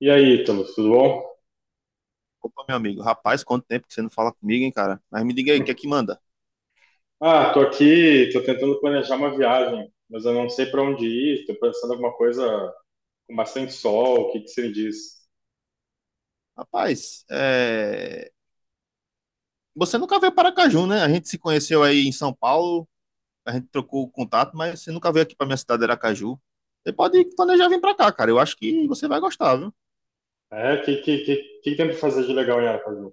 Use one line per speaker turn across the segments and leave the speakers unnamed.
E aí, Ítalo, tudo bom?
Opa, meu amigo, rapaz, quanto tempo que você não fala comigo, hein, cara? Mas me diga aí, o que é que manda?
Tô aqui, tô tentando planejar uma viagem, mas eu não sei para onde ir. Tô pensando em alguma coisa com bastante sol. O que que você me diz?
Rapaz, você nunca veio para Aracaju, né? A gente se conheceu aí em São Paulo, a gente trocou o contato, mas você nunca veio aqui para minha cidade, Aracaju. Você pode planejar vir para cá, cara. Eu acho que você vai gostar, viu?
O que tem para fazer de legal em Aracaju?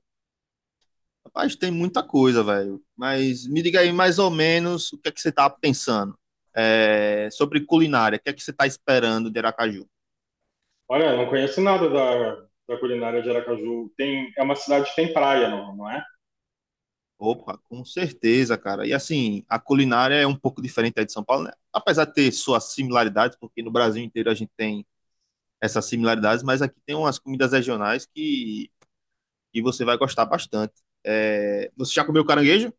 Rapaz, tem muita coisa, velho. Mas me diga aí mais ou menos o que é que você tá pensando. Sobre culinária. O que é que você tá esperando de Aracaju?
Olha, eu não conheço nada da culinária de Aracaju. Tem, é uma cidade que tem praia, não é?
Opa, com certeza, cara. E assim, a culinária é um pouco diferente aí de São Paulo, né? Apesar de ter suas similaridades, porque no Brasil inteiro a gente tem essas similaridades, mas aqui tem umas comidas regionais que você vai gostar bastante. Você já comeu caranguejo?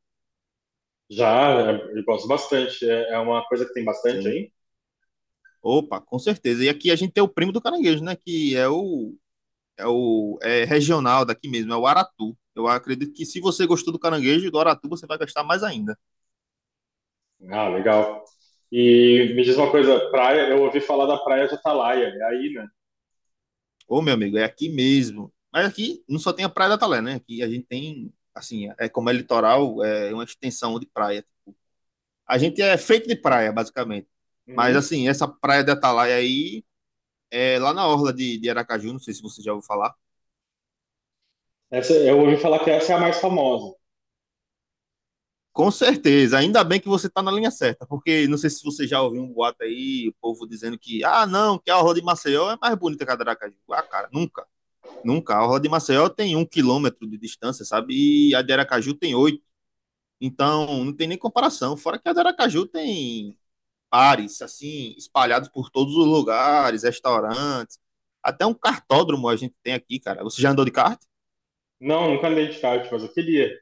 Já, é, eu gosto bastante. É, é uma coisa que tem bastante
Sim.
aí?
Opa, com certeza. E aqui a gente tem o primo do caranguejo, né? Que é o, é o é regional daqui mesmo, é o aratu. Eu acredito que se você gostou do caranguejo e do aratu, você vai gostar mais ainda.
Ah, legal. E me diz uma coisa, praia, eu ouvi falar da praia de Atalaia, é aí, né?
Ô, meu amigo, é aqui mesmo. Mas aqui não só tem a Praia da Talé, né? Aqui a gente tem, assim, é como é litoral, é uma extensão de praia. A gente é feito de praia, basicamente. Mas,
Uhum.
assim, essa Praia da Atalaia aí, é lá na orla de Aracaju, não sei se você já ouviu falar.
Essa, eu ouvi falar que essa é a mais famosa.
Com certeza, ainda bem que você tá na linha certa, porque não sei se você já ouviu um boato aí, o povo dizendo que, ah, não, que a orla de Maceió é mais bonita que a de Aracaju. Ah, cara, nunca, nunca. A orla de Maceió tem um quilômetro de distância, sabe? E a de Aracaju tem oito. Então, não tem nem comparação. Fora que a de Aracaju tem bares, assim, espalhados por todos os lugares, restaurantes. Até um kartódromo a gente tem aqui, cara. Você já andou de kart?
Não, nunca andei de kart, mas eu queria.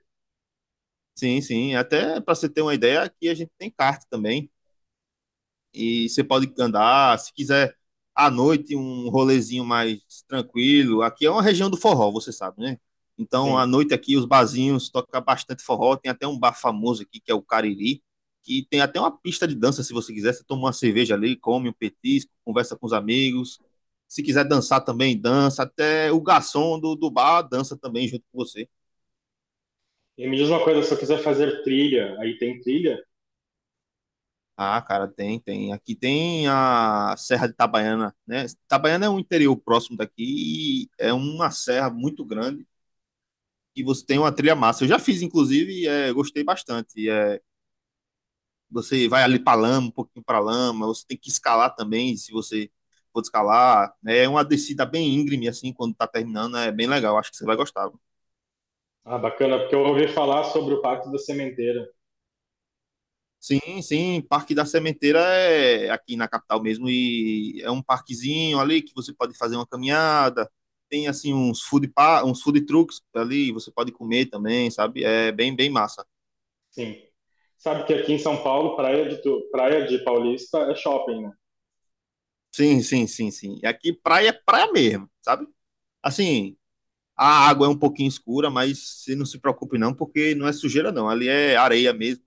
Sim, sim. Até para você ter uma ideia, aqui a gente tem kart também. E você pode andar, se quiser à noite um rolezinho mais tranquilo. Aqui é uma região do forró, você sabe, né? Então, à
Sim.
noite aqui os barzinhos tocam bastante forró, tem até um bar famoso aqui que é o Cariri, que tem até uma pista de dança se você quiser, você toma uma cerveja ali, come um petisco, conversa com os amigos. Se quiser dançar também, dança, até o garçom do bar dança também junto com você.
E me diz uma coisa, se eu quiser fazer trilha, aí tem trilha?
Ah, cara, tem, tem. Aqui tem a Serra de Itabaiana, né? Itabaiana é um interior próximo daqui e é uma serra muito grande e você tem uma trilha massa. Eu já fiz, inclusive, e é, gostei bastante. É, você vai ali para lama, um pouquinho para lama, você tem que escalar também, se você for escalar. É uma descida bem íngreme, assim, quando tá terminando, é bem legal. Acho que você vai gostar.
Ah, bacana, porque eu ouvi falar sobre o Pacto da Sementeira.
Sim, sim. Parque da Sementeira é aqui na capital mesmo e é um parquezinho ali que você pode fazer uma caminhada. Tem assim uns food trucks ali, você pode comer também, sabe? É bem bem massa.
Sim. Sabe que aqui em São Paulo, praia de, praia de Paulista é shopping, né?
Sim, sim, sim, sim. E aqui praia é praia mesmo, sabe? Assim, a água é um pouquinho escura, mas você não se preocupe não, porque não é sujeira não. Ali é areia mesmo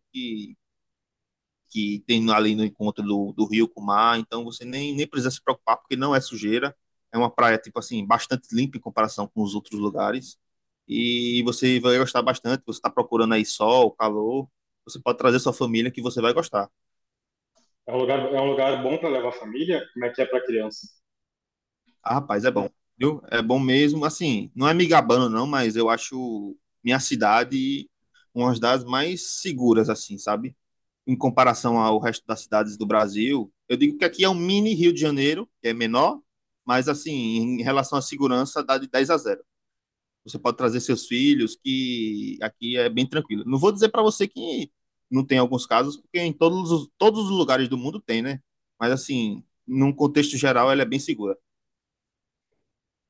que tem ali no encontro do rio com o mar, então você nem precisa se preocupar, porque não é sujeira, é uma praia, tipo assim, bastante limpa em comparação com os outros lugares, e você vai gostar bastante, você está procurando aí sol, calor, você pode trazer sua família que você vai gostar.
É um lugar bom para levar a família? Como é que é para criança?
Ah, rapaz, é bom, viu? É bom mesmo, assim, não é me gabando não, mas eu acho minha cidade uma das mais seguras, assim, sabe? Em comparação ao resto das cidades do Brasil. Eu digo que aqui é um mini Rio de Janeiro, que é menor, mas assim, em relação à segurança, dá de 10-0. Você pode trazer seus filhos, que aqui é bem tranquilo. Não vou dizer para você que não tem alguns casos, porque em todos os lugares do mundo tem, né? Mas assim, num contexto geral, ela é bem segura.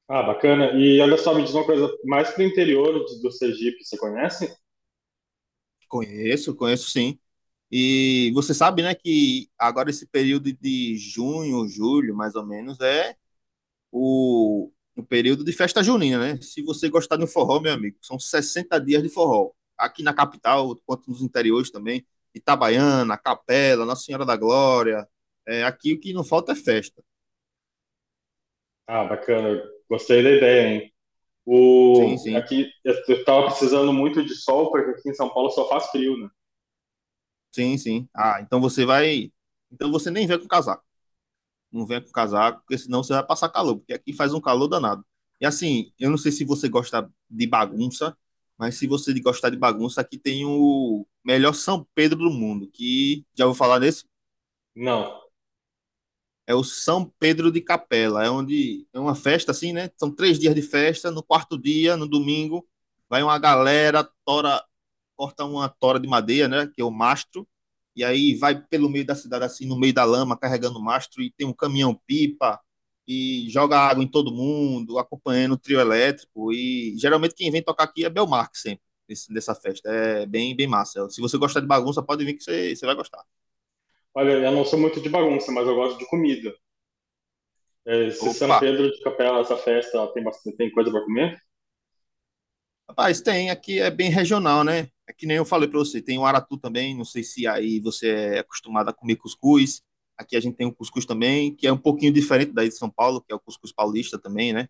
Ah, bacana. E olha só, me diz uma coisa, mais pro interior do Sergipe, você conhece?
Conheço, conheço sim. E você sabe, né, que agora esse período de junho, julho, mais ou menos, é o período de festa junina, né? Se você gostar de um forró, meu amigo, são 60 dias de forró. Aqui na capital, quanto nos interiores também, Itabaiana, Capela, Nossa Senhora da Glória. É, aqui o que não falta é festa.
Ah, bacana. Gostei da ideia, hein?
Sim,
O,
sim,
aqui, eu tava precisando muito de sol, porque aqui em São Paulo só faz frio, né?
sim, sim. Ah, então você vai. Então você nem vem com casaco. Não venha com casaco, porque senão você vai passar calor, porque aqui faz um calor danado. E assim, eu não sei se você gosta de bagunça, mas se você gostar de bagunça, aqui tem o melhor São Pedro do mundo, que já vou falar nesse?
Não.
É o São Pedro de Capela, é onde é uma festa assim, né? São 3 dias de festa. No quarto dia, no domingo, vai uma galera, tora, corta uma tora de madeira, né? Que é o mastro. E aí vai pelo meio da cidade, assim, no meio da lama, carregando o mastro. E tem um caminhão-pipa e joga água em todo mundo, acompanhando o trio elétrico. E geralmente quem vem tocar aqui é Belmarque sempre, dessa festa. É bem, bem massa. Se você gostar de bagunça, pode vir que você vai gostar.
Olha, eu não sou muito de bagunça, mas eu gosto de comida. É, se São
Opa!
Pedro de Capela, essa festa, ela tem bastante tem coisa para comer?
Rapaz, tem, aqui é bem regional, né? É que nem eu falei para você, tem o aratu também, não sei se aí você é acostumado a comer cuscuz. Aqui a gente tem o cuscuz também, que é um pouquinho diferente daí de São Paulo, que é o cuscuz paulista também, né?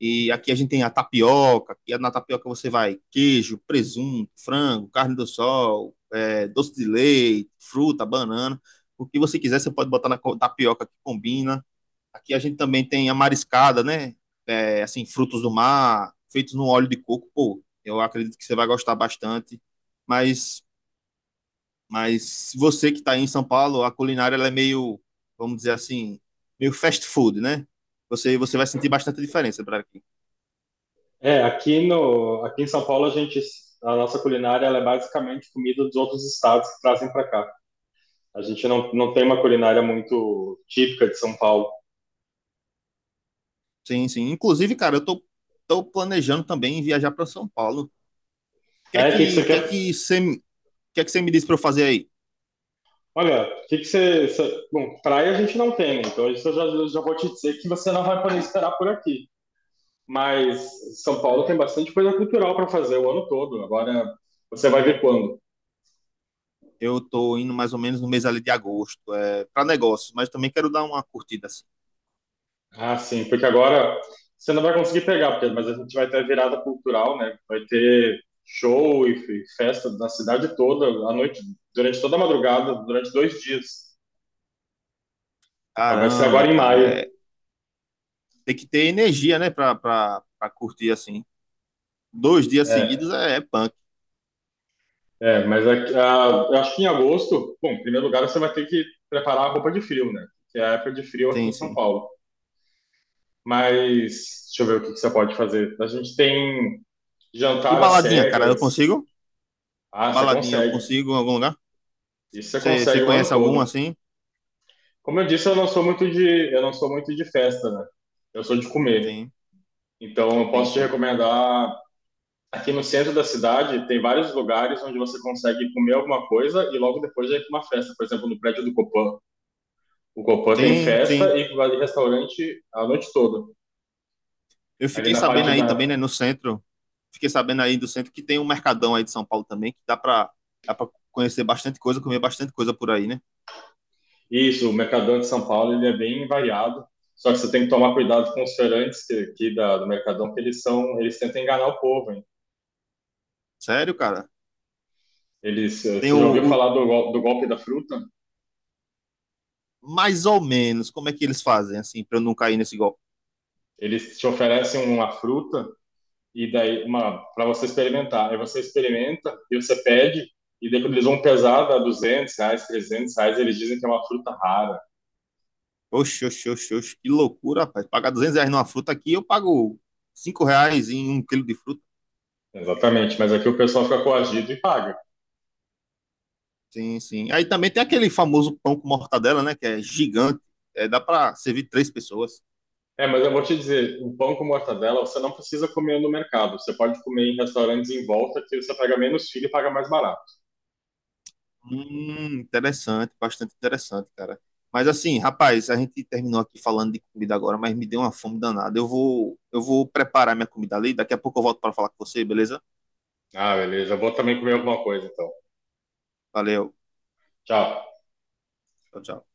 E aqui a gente tem a tapioca, que é na tapioca você vai queijo, presunto, frango, carne do sol, é, doce de leite, fruta, banana. O que você quiser, você pode botar na tapioca que combina. Aqui a gente também tem a mariscada, né? É, assim, frutos do mar, feitos no óleo de coco. Pô, eu acredito que você vai gostar bastante. Mas, mas você que está aí em São Paulo, a culinária ela é meio, vamos dizer assim, meio fast food, né? Você vai sentir bastante diferença para aqui.
É, aqui no aqui em São Paulo a gente, a nossa culinária, ela é basicamente comida dos outros estados que trazem para cá. A gente não tem uma culinária muito típica de São Paulo.
Sim, sim. Inclusive, cara, eu tô planejando também viajar para São Paulo. O que é
É, o que que
que,
você
que, é
quer?
que, você, me- que é que você me disse para eu fazer aí?
Olha, o que que você Bom, praia a gente não tem, né? Então isso eu já vou te dizer que você não vai poder esperar por aqui. Mas São Paulo tem bastante coisa cultural para fazer o ano todo. Agora você vai ver quando.
Eu tô indo mais ou menos no mês ali de agosto, é, para negócios, mas também quero dar uma curtida assim.
Ah, sim, porque agora você não vai conseguir pegar, porque, mas a gente vai ter a virada cultural, né? Vai ter show e festa na cidade toda, à noite, durante toda a madrugada, durante dois dias. Ah, vai ser agora
Caramba,
em
cara,
maio.
tem que ter energia, né, pra curtir assim. Dois dias
É,
seguidos é punk.
mas aqui, ah, eu acho que em agosto, bom, em primeiro lugar você vai ter que preparar a roupa de frio, né? Que é a época de frio aqui
Sim,
em São
sim.
Paulo. Mas deixa eu ver o que que você pode fazer. A gente tem
E
jantar às
baladinha, cara, eu
cegas.
consigo?
Ah, você
Baladinha, eu
consegue.
consigo em algum lugar?
Isso você
Você
consegue o ano
conhece algum
todo.
assim?
Como eu disse, eu não sou muito de, eu não sou muito de festa, né? Eu sou de comer.
Sim,
Então, eu
sim,
posso te
sim.
recomendar. Aqui no centro da cidade, tem vários lugares onde você consegue comer alguma coisa e logo depois já ir para uma festa. Por exemplo, no prédio do Copan. O Copan tem
Sim,
festa
sim.
e vai de restaurante a noite toda.
Eu
Ali
fiquei
na
sabendo
parte
aí
da.
também, né, no centro. Fiquei sabendo aí do centro que tem um mercadão aí de São Paulo também, que dá pra conhecer bastante coisa, comer bastante coisa por aí, né?
Isso, o Mercadão de São Paulo, ele é bem variado. Só que você tem que tomar cuidado com os feirantes aqui do Mercadão, que eles são, eles tentam enganar o povo, hein?
Sério, cara?
Eles,
Tem
você
o,
já ouviu
o
falar do, do golpe da fruta?
mais ou menos, como é que eles fazem, assim, pra eu não cair nesse golpe?
Eles te oferecem uma fruta e daí uma para você experimentar. Aí você experimenta e você pede, e daí quando eles vão pesar, dá R$ 200, R$ 300, eles dizem que é uma fruta rara.
Oxe, oxe, oxe, oxe, que loucura, rapaz. Pagar R$ 200 numa fruta aqui, eu pago R$ 5 em 1 quilo de fruta.
Exatamente, mas aqui o pessoal fica coagido e paga.
Sim, sim. Aí também tem aquele famoso pão com mortadela, né? Que é gigante. É, dá para servir três pessoas.
É, mas eu vou te dizer, um pão com mortadela você não precisa comer no mercado. Você pode comer em restaurantes em volta que você paga menos filho e paga mais barato.
Interessante, bastante interessante, cara. Mas assim, rapaz, a gente terminou aqui falando de comida agora, mas me deu uma fome danada. Eu vou preparar minha comida ali. Daqui a pouco eu volto para falar com você, beleza?
Ah, beleza. Eu vou também comer alguma coisa então.
Valeu.
Tchau.
Tchau, tchau.